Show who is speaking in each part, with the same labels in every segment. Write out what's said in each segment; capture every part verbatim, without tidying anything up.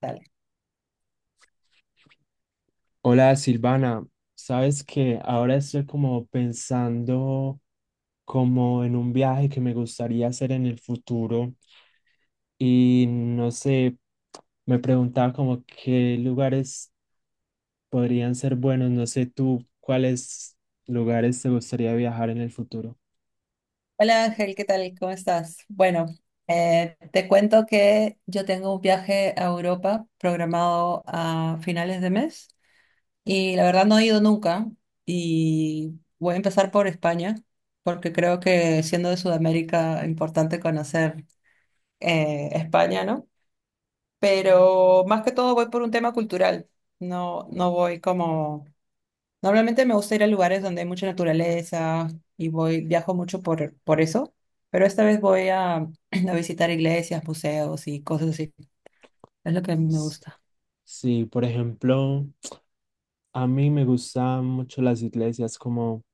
Speaker 1: Dale.
Speaker 2: Hola Silvana, sabes que ahora estoy como pensando como en un viaje que me gustaría hacer en el futuro y no sé, me preguntaba como qué lugares podrían ser buenos, no sé tú cuáles lugares te gustaría viajar en el futuro.
Speaker 1: Hola Ángel, ¿qué tal? ¿Cómo estás? Bueno, eh, te cuento que yo tengo un viaje a Europa programado a finales de mes. Y la verdad no he ido nunca y voy a empezar por España, porque creo que siendo de Sudamérica importante conocer eh, España, ¿no? Pero más que todo voy por un tema cultural, no, no voy como... Normalmente me gusta ir a lugares donde hay mucha naturaleza y voy, viajo mucho por, por eso, pero esta vez voy a, a visitar iglesias, museos y cosas así. Es lo que me
Speaker 2: S-
Speaker 1: gusta.
Speaker 2: Sí, por ejemplo, a mí me gustan mucho las iglesias, como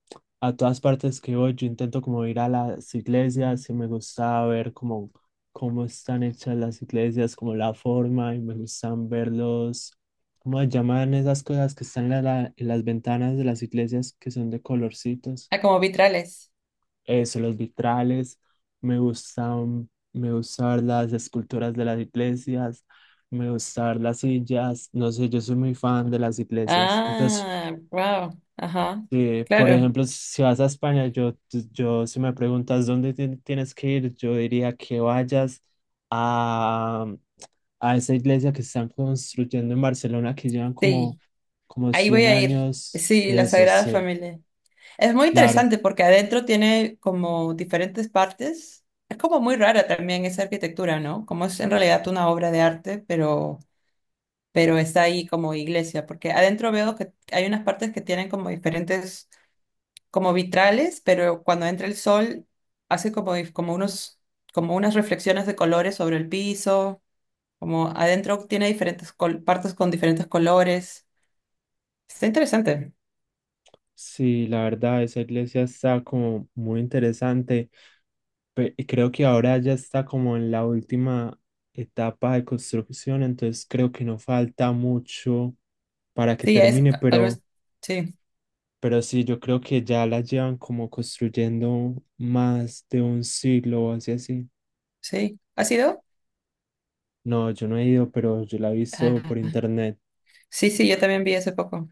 Speaker 2: a todas partes que voy, yo intento como ir a las iglesias y me gusta ver como cómo están hechas las iglesias, como la forma y me gustan verlos, cómo se llaman esas cosas que están en, la- la- en las ventanas de las iglesias que son de colorcitos,
Speaker 1: Ah, como vitrales.
Speaker 2: eso, los vitrales, me gustan, me gusta ver las esculturas de las iglesias, me gusta ver las sillas, no sé, yo soy muy fan de las iglesias, entonces...
Speaker 1: Ah, wow, ajá,
Speaker 2: Sí, por
Speaker 1: claro.
Speaker 2: ejemplo, si vas a España, yo, yo si me preguntas dónde ti- tienes que ir, yo diría que vayas a, a esa iglesia que están construyendo en Barcelona, que llevan como,
Speaker 1: Sí,
Speaker 2: como
Speaker 1: ahí voy
Speaker 2: cien
Speaker 1: a ir.
Speaker 2: años.
Speaker 1: Sí, la
Speaker 2: Eso
Speaker 1: Sagrada
Speaker 2: sí,
Speaker 1: Familia. Es muy
Speaker 2: claro.
Speaker 1: interesante porque adentro tiene como diferentes partes. Es como muy rara también esa arquitectura, ¿no? Como es en realidad una obra de arte, pero, pero está ahí como iglesia, porque adentro veo que hay unas partes que tienen como diferentes, como vitrales, pero cuando entra el sol hace como, como unos, como unas reflexiones de colores sobre el piso, como adentro tiene diferentes col- partes con diferentes colores. Está interesante.
Speaker 2: Sí, la verdad, esa iglesia está como muy interesante. pe- y Creo que ahora ya está como en la última etapa de construcción, entonces creo que no falta mucho para que
Speaker 1: Sí, es
Speaker 2: termine,
Speaker 1: algo.
Speaker 2: pero...
Speaker 1: es- Sí,
Speaker 2: Pero sí, yo creo que ya la llevan como construyendo más de un siglo o así así.
Speaker 1: sí. ¿Ha sido?
Speaker 2: No, yo no he ido, pero yo la he visto por
Speaker 1: Ah,
Speaker 2: internet.
Speaker 1: sí, sí, yo también vi hace poco.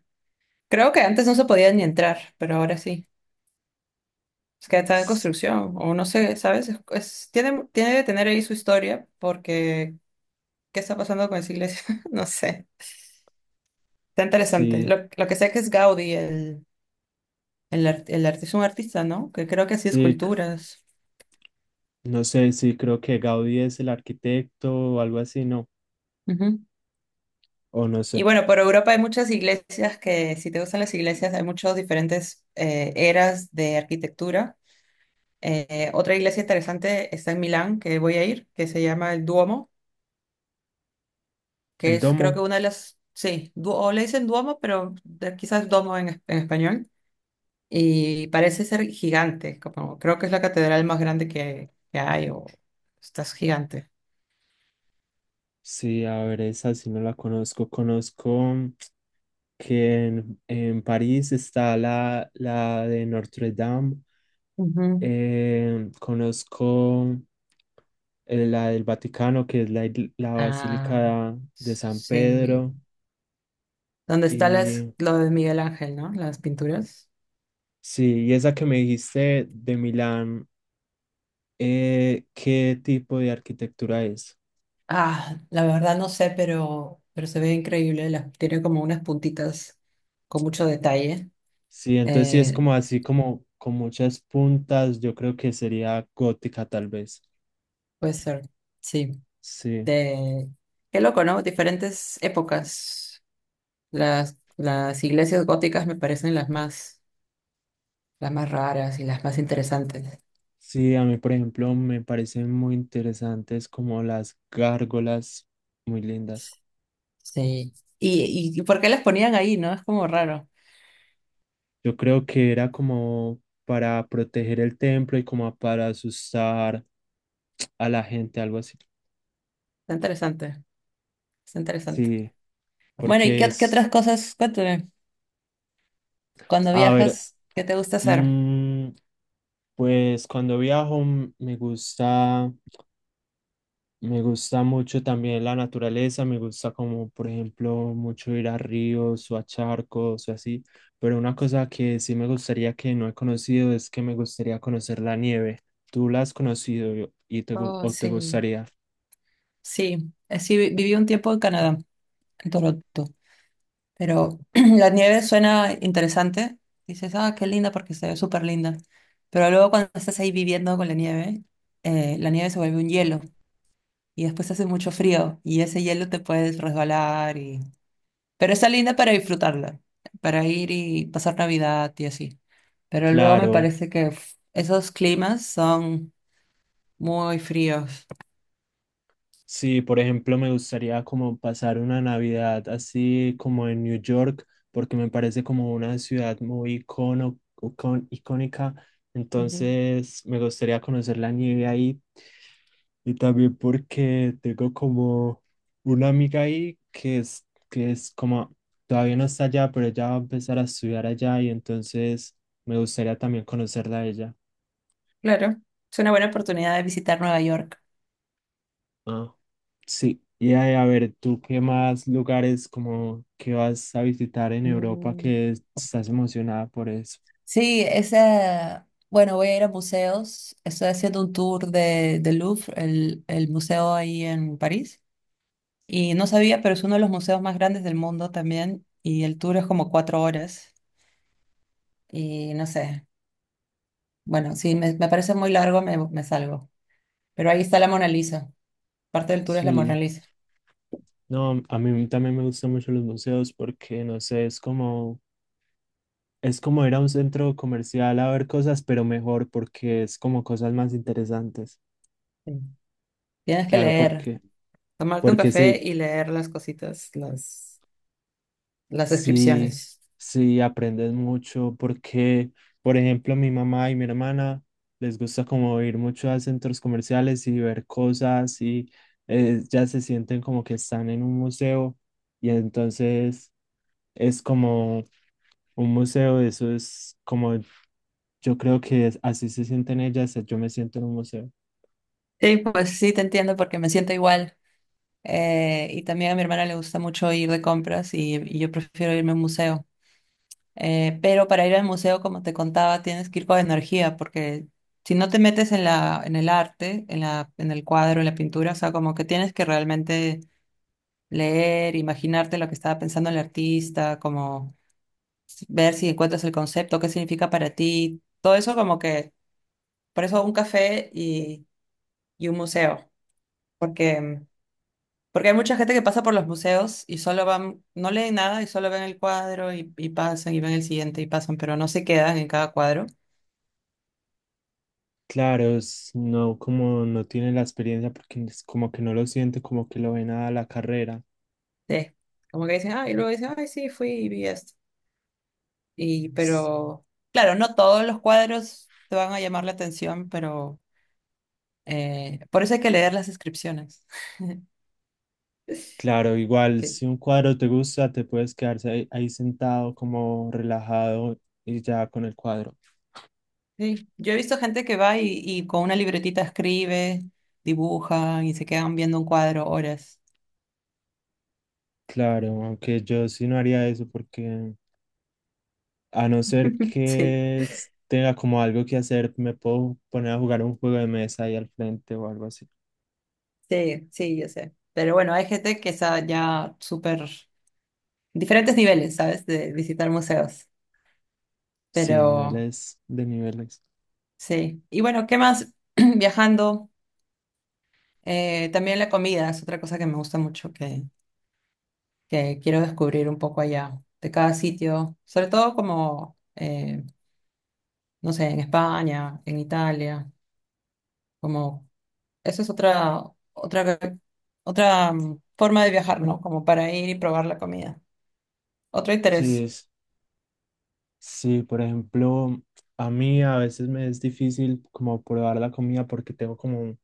Speaker 1: Creo que antes no se podía ni entrar, pero ahora sí. Es que está en
Speaker 2: S-
Speaker 1: construcción, o no sé, ¿sabes? Es, es- tiene, tiene que tener ahí su historia, porque ¿qué está pasando con esa iglesia? No sé. Está interesante.
Speaker 2: Sí,
Speaker 1: Lo, lo que sé que es Gaudí, el, el, art- el arti- es un artista, ¿no? Que creo que hacía
Speaker 2: sí, c-
Speaker 1: esculturas.
Speaker 2: no sé, sí, creo que Gaudí es el arquitecto o algo así, no,
Speaker 1: Ujú.
Speaker 2: o no
Speaker 1: Y
Speaker 2: sé.
Speaker 1: bueno, por Europa hay muchas iglesias que, si te gustan las iglesias, hay muchas diferentes eh, eras de arquitectura. Eh, otra iglesia interesante está en Milán, que voy a ir, que se llama el Duomo, que
Speaker 2: El
Speaker 1: es creo que
Speaker 2: Domo,
Speaker 1: una de las, sí, du- o le dicen Duomo, pero de- quizás Domo en, es- en español, y parece ser gigante, como, creo que es la catedral más grande que, que hay, o estás gigante.
Speaker 2: sí, a ver, esa sí no la conozco. Conozco que en, en París está la, la de Notre Dame.
Speaker 1: Ujú.
Speaker 2: Eh, conozco. Eh, la del Vaticano, que es la, il- la
Speaker 1: Ah,
Speaker 2: Basílica de San
Speaker 1: sí.
Speaker 2: Pedro.
Speaker 1: ¿Dónde está las,
Speaker 2: Y
Speaker 1: lo de Miguel Ángel, ¿no? Las pinturas.
Speaker 2: sí, y esa que me dijiste de Milán, eh, ¿qué tipo de arquitectura es?
Speaker 1: Ah, la verdad no sé, pero, pero se ve increíble, las, tiene como unas puntitas con mucho detalle.
Speaker 2: Sí, entonces sí es
Speaker 1: Eh,
Speaker 2: como así como con muchas puntas, yo creo que sería gótica tal vez.
Speaker 1: puede ser, sí.
Speaker 2: Sí.
Speaker 1: De... Qué loco, ¿no? Diferentes épocas. Las, las iglesias góticas me parecen las más, las más raras y las más interesantes.
Speaker 2: Sí, a mí, por ejemplo, me parecen muy interesantes como las gárgolas, muy lindas.
Speaker 1: Sí. ¿Y, y, y por qué las ponían ahí, no? Es como raro.
Speaker 2: Yo creo que era como para proteger el templo y como para asustar a la gente, algo así.
Speaker 1: Está interesante, está interesante.
Speaker 2: Sí,
Speaker 1: Bueno, ¿y
Speaker 2: porque
Speaker 1: qué, qué otras
Speaker 2: es,
Speaker 1: cosas? Cuéntame, cuando
Speaker 2: a ver,
Speaker 1: viajas, ¿qué te gusta hacer?
Speaker 2: mm, pues cuando viajo, mm, me gusta, me gusta mucho también la naturaleza, me gusta como, por ejemplo, mucho ir a ríos o a charcos o así, pero una cosa que sí me gustaría que no he conocido es que me gustaría conocer la nieve. ¿Tú la has conocido y te, gu-
Speaker 1: Oh,
Speaker 2: o te
Speaker 1: sí.
Speaker 2: gustaría?
Speaker 1: Sí, Eh, sí, vi- viví un tiempo en Canadá, en Toronto. Pero la nieve suena interesante. Dices, ah, qué linda porque se ve súper linda. Pero luego cuando estás ahí viviendo con la nieve, eh, la nieve se vuelve un hielo y después hace mucho frío y ese hielo te puedes resbalar y... Pero está linda para disfrutarla, para ir y pasar Navidad y así. Pero luego me
Speaker 2: Claro.
Speaker 1: parece que uf, esos climas son muy fríos.
Speaker 2: Sí, por ejemplo, me gustaría como pasar una Navidad así como en New York, porque me parece como una ciudad muy icono, icon- icónica.
Speaker 1: Ujú.
Speaker 2: Entonces, me gustaría conocer la nieve ahí y también porque tengo como una amiga ahí que es, que es como, todavía no está allá, pero ella va a empezar a estudiar allá y entonces me gustaría también conocerla a ella.
Speaker 1: Claro, es una buena oportunidad de visitar Nueva York.
Speaker 2: Ah. Sí, y a, a ver, ¿tú qué más lugares como que vas a visitar en Europa
Speaker 1: Mm.
Speaker 2: que estás emocionada por eso?
Speaker 1: Sí, ese bueno, voy a ir a museos. Estoy haciendo un tour de, del Louvre, el, el museo ahí en París. Y no sabía, pero es uno de los museos más grandes del mundo también. Y el tour es como cuatro horas. Y no sé, bueno, si me, me parece muy largo, me, me salgo. Pero ahí está la Mona Lisa. Parte del tour es la Mona
Speaker 2: Sí,
Speaker 1: Lisa.
Speaker 2: no, a mí también me gustan mucho los museos porque, no sé, es como, es como ir a un centro comercial a ver cosas, pero mejor porque es como cosas más interesantes.
Speaker 1: Sí. Tienes que
Speaker 2: Claro,
Speaker 1: leer,
Speaker 2: porque,
Speaker 1: tomarte un
Speaker 2: porque
Speaker 1: café
Speaker 2: sí,
Speaker 1: y leer las cositas, las, las
Speaker 2: sí,
Speaker 1: descripciones.
Speaker 2: sí, aprendes mucho porque, por ejemplo, mi mamá y mi hermana les gusta como ir mucho a centros comerciales y ver cosas y eh, ya se sienten como que están en un museo y entonces es como un museo, eso es como yo creo que es- así se sienten ellas, yo me siento en un museo.
Speaker 1: Sí, pues sí, te entiendo porque me siento igual. Eh, y también a mi hermana le gusta mucho ir de compras y, y yo prefiero irme a un museo. Eh, pero para ir al museo, como te contaba, tienes que ir con energía, porque si no te metes en la, en el arte, en la, en el cuadro, en la pintura, o sea, como que tienes que realmente leer, imaginarte lo que estaba pensando el artista, como ver si encuentras el concepto, qué significa para ti, todo eso como que, por eso un café y, y un museo, porque Porque hay mucha gente que pasa por los museos y solo van, no leen nada y solo ven el cuadro y, y pasan y ven el siguiente y pasan, pero no se quedan en cada cuadro.
Speaker 2: Claro, es- no como no tienen la experiencia porque es como que no lo sienten, como que lo ven a la carrera.
Speaker 1: Sí. Como que dicen, ah, y luego dicen, ay, sí, fui y vi esto. Y, pero, claro, no todos los cuadros te van a llamar la atención, pero eh, por eso hay que leer las inscripciones.
Speaker 2: Claro, igual
Speaker 1: Sí.
Speaker 2: si un cuadro te gusta, te puedes quedarse ahí, ahí sentado como relajado y ya con el cuadro.
Speaker 1: Sí. Yo he visto gente que va y, y con una libretita escribe, dibuja y se quedan viendo un cuadro horas.
Speaker 2: Claro, aunque yo sí no haría eso porque a no ser
Speaker 1: Sí.
Speaker 2: que s- tenga como algo que hacer, me puedo poner a jugar un juego de mesa ahí al frente o algo así.
Speaker 1: Sí, sí, yo sé. Pero bueno, hay gente que está ya súper diferentes niveles, ¿sabes? De visitar museos. Pero
Speaker 2: Sí, niveles de niveles.
Speaker 1: sí. Y bueno, ¿qué más? Viajando, eh, también la comida es otra cosa que me gusta mucho, que, que quiero descubrir un poco allá, de cada sitio, sobre todo como, eh, no sé, en España, en Italia, como, eso es otra, otra, otra mm, forma de viajar, ¿no? Como para ir y probar la comida. Otro
Speaker 2: Sí,
Speaker 1: interés.
Speaker 2: es, sí, por ejemplo, a mí a veces me es difícil como probar la comida porque tengo como un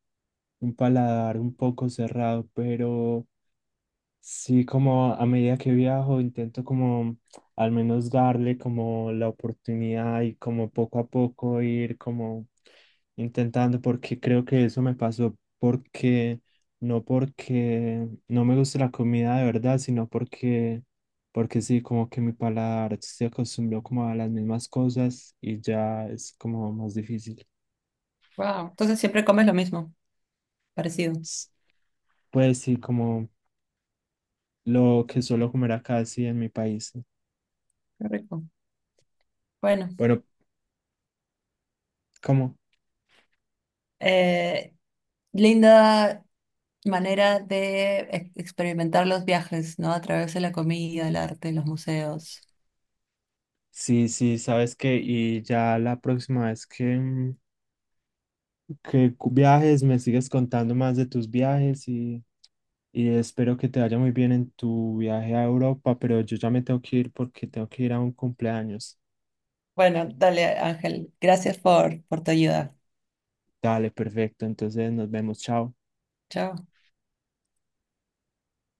Speaker 2: un paladar un poco cerrado, pero... Sí, como a medida que viajo, intento como al menos darle como la oportunidad y como poco a poco ir como intentando, porque creo que eso me pasó porque no porque no me gusta la comida de verdad, sino porque porque sí, como que mi paladar se acostumbró como a las mismas cosas y ya es como más difícil.
Speaker 1: Wow. Entonces siempre comes lo mismo, parecido.
Speaker 2: S- Pues sí, como lo que suelo comer acá, sí, en mi país.
Speaker 1: Qué rico. Bueno,
Speaker 2: Bueno, ¿cómo?
Speaker 1: eh, linda manera de ex- experimentar los viajes, ¿no? A través de la comida, el arte, los museos.
Speaker 2: Sí, sí, sabes que y ya la próxima vez que, mm, que cu- viajes me sigues contando más de tus viajes y, y espero que te vaya muy bien en tu viaje a Europa, pero yo ya me tengo que ir porque tengo que ir a un cumpleaños.
Speaker 1: Bueno, dale, Ángel. Gracias por, por tu ayuda.
Speaker 2: Dale, perfecto, entonces nos vemos, chao.
Speaker 1: Chao.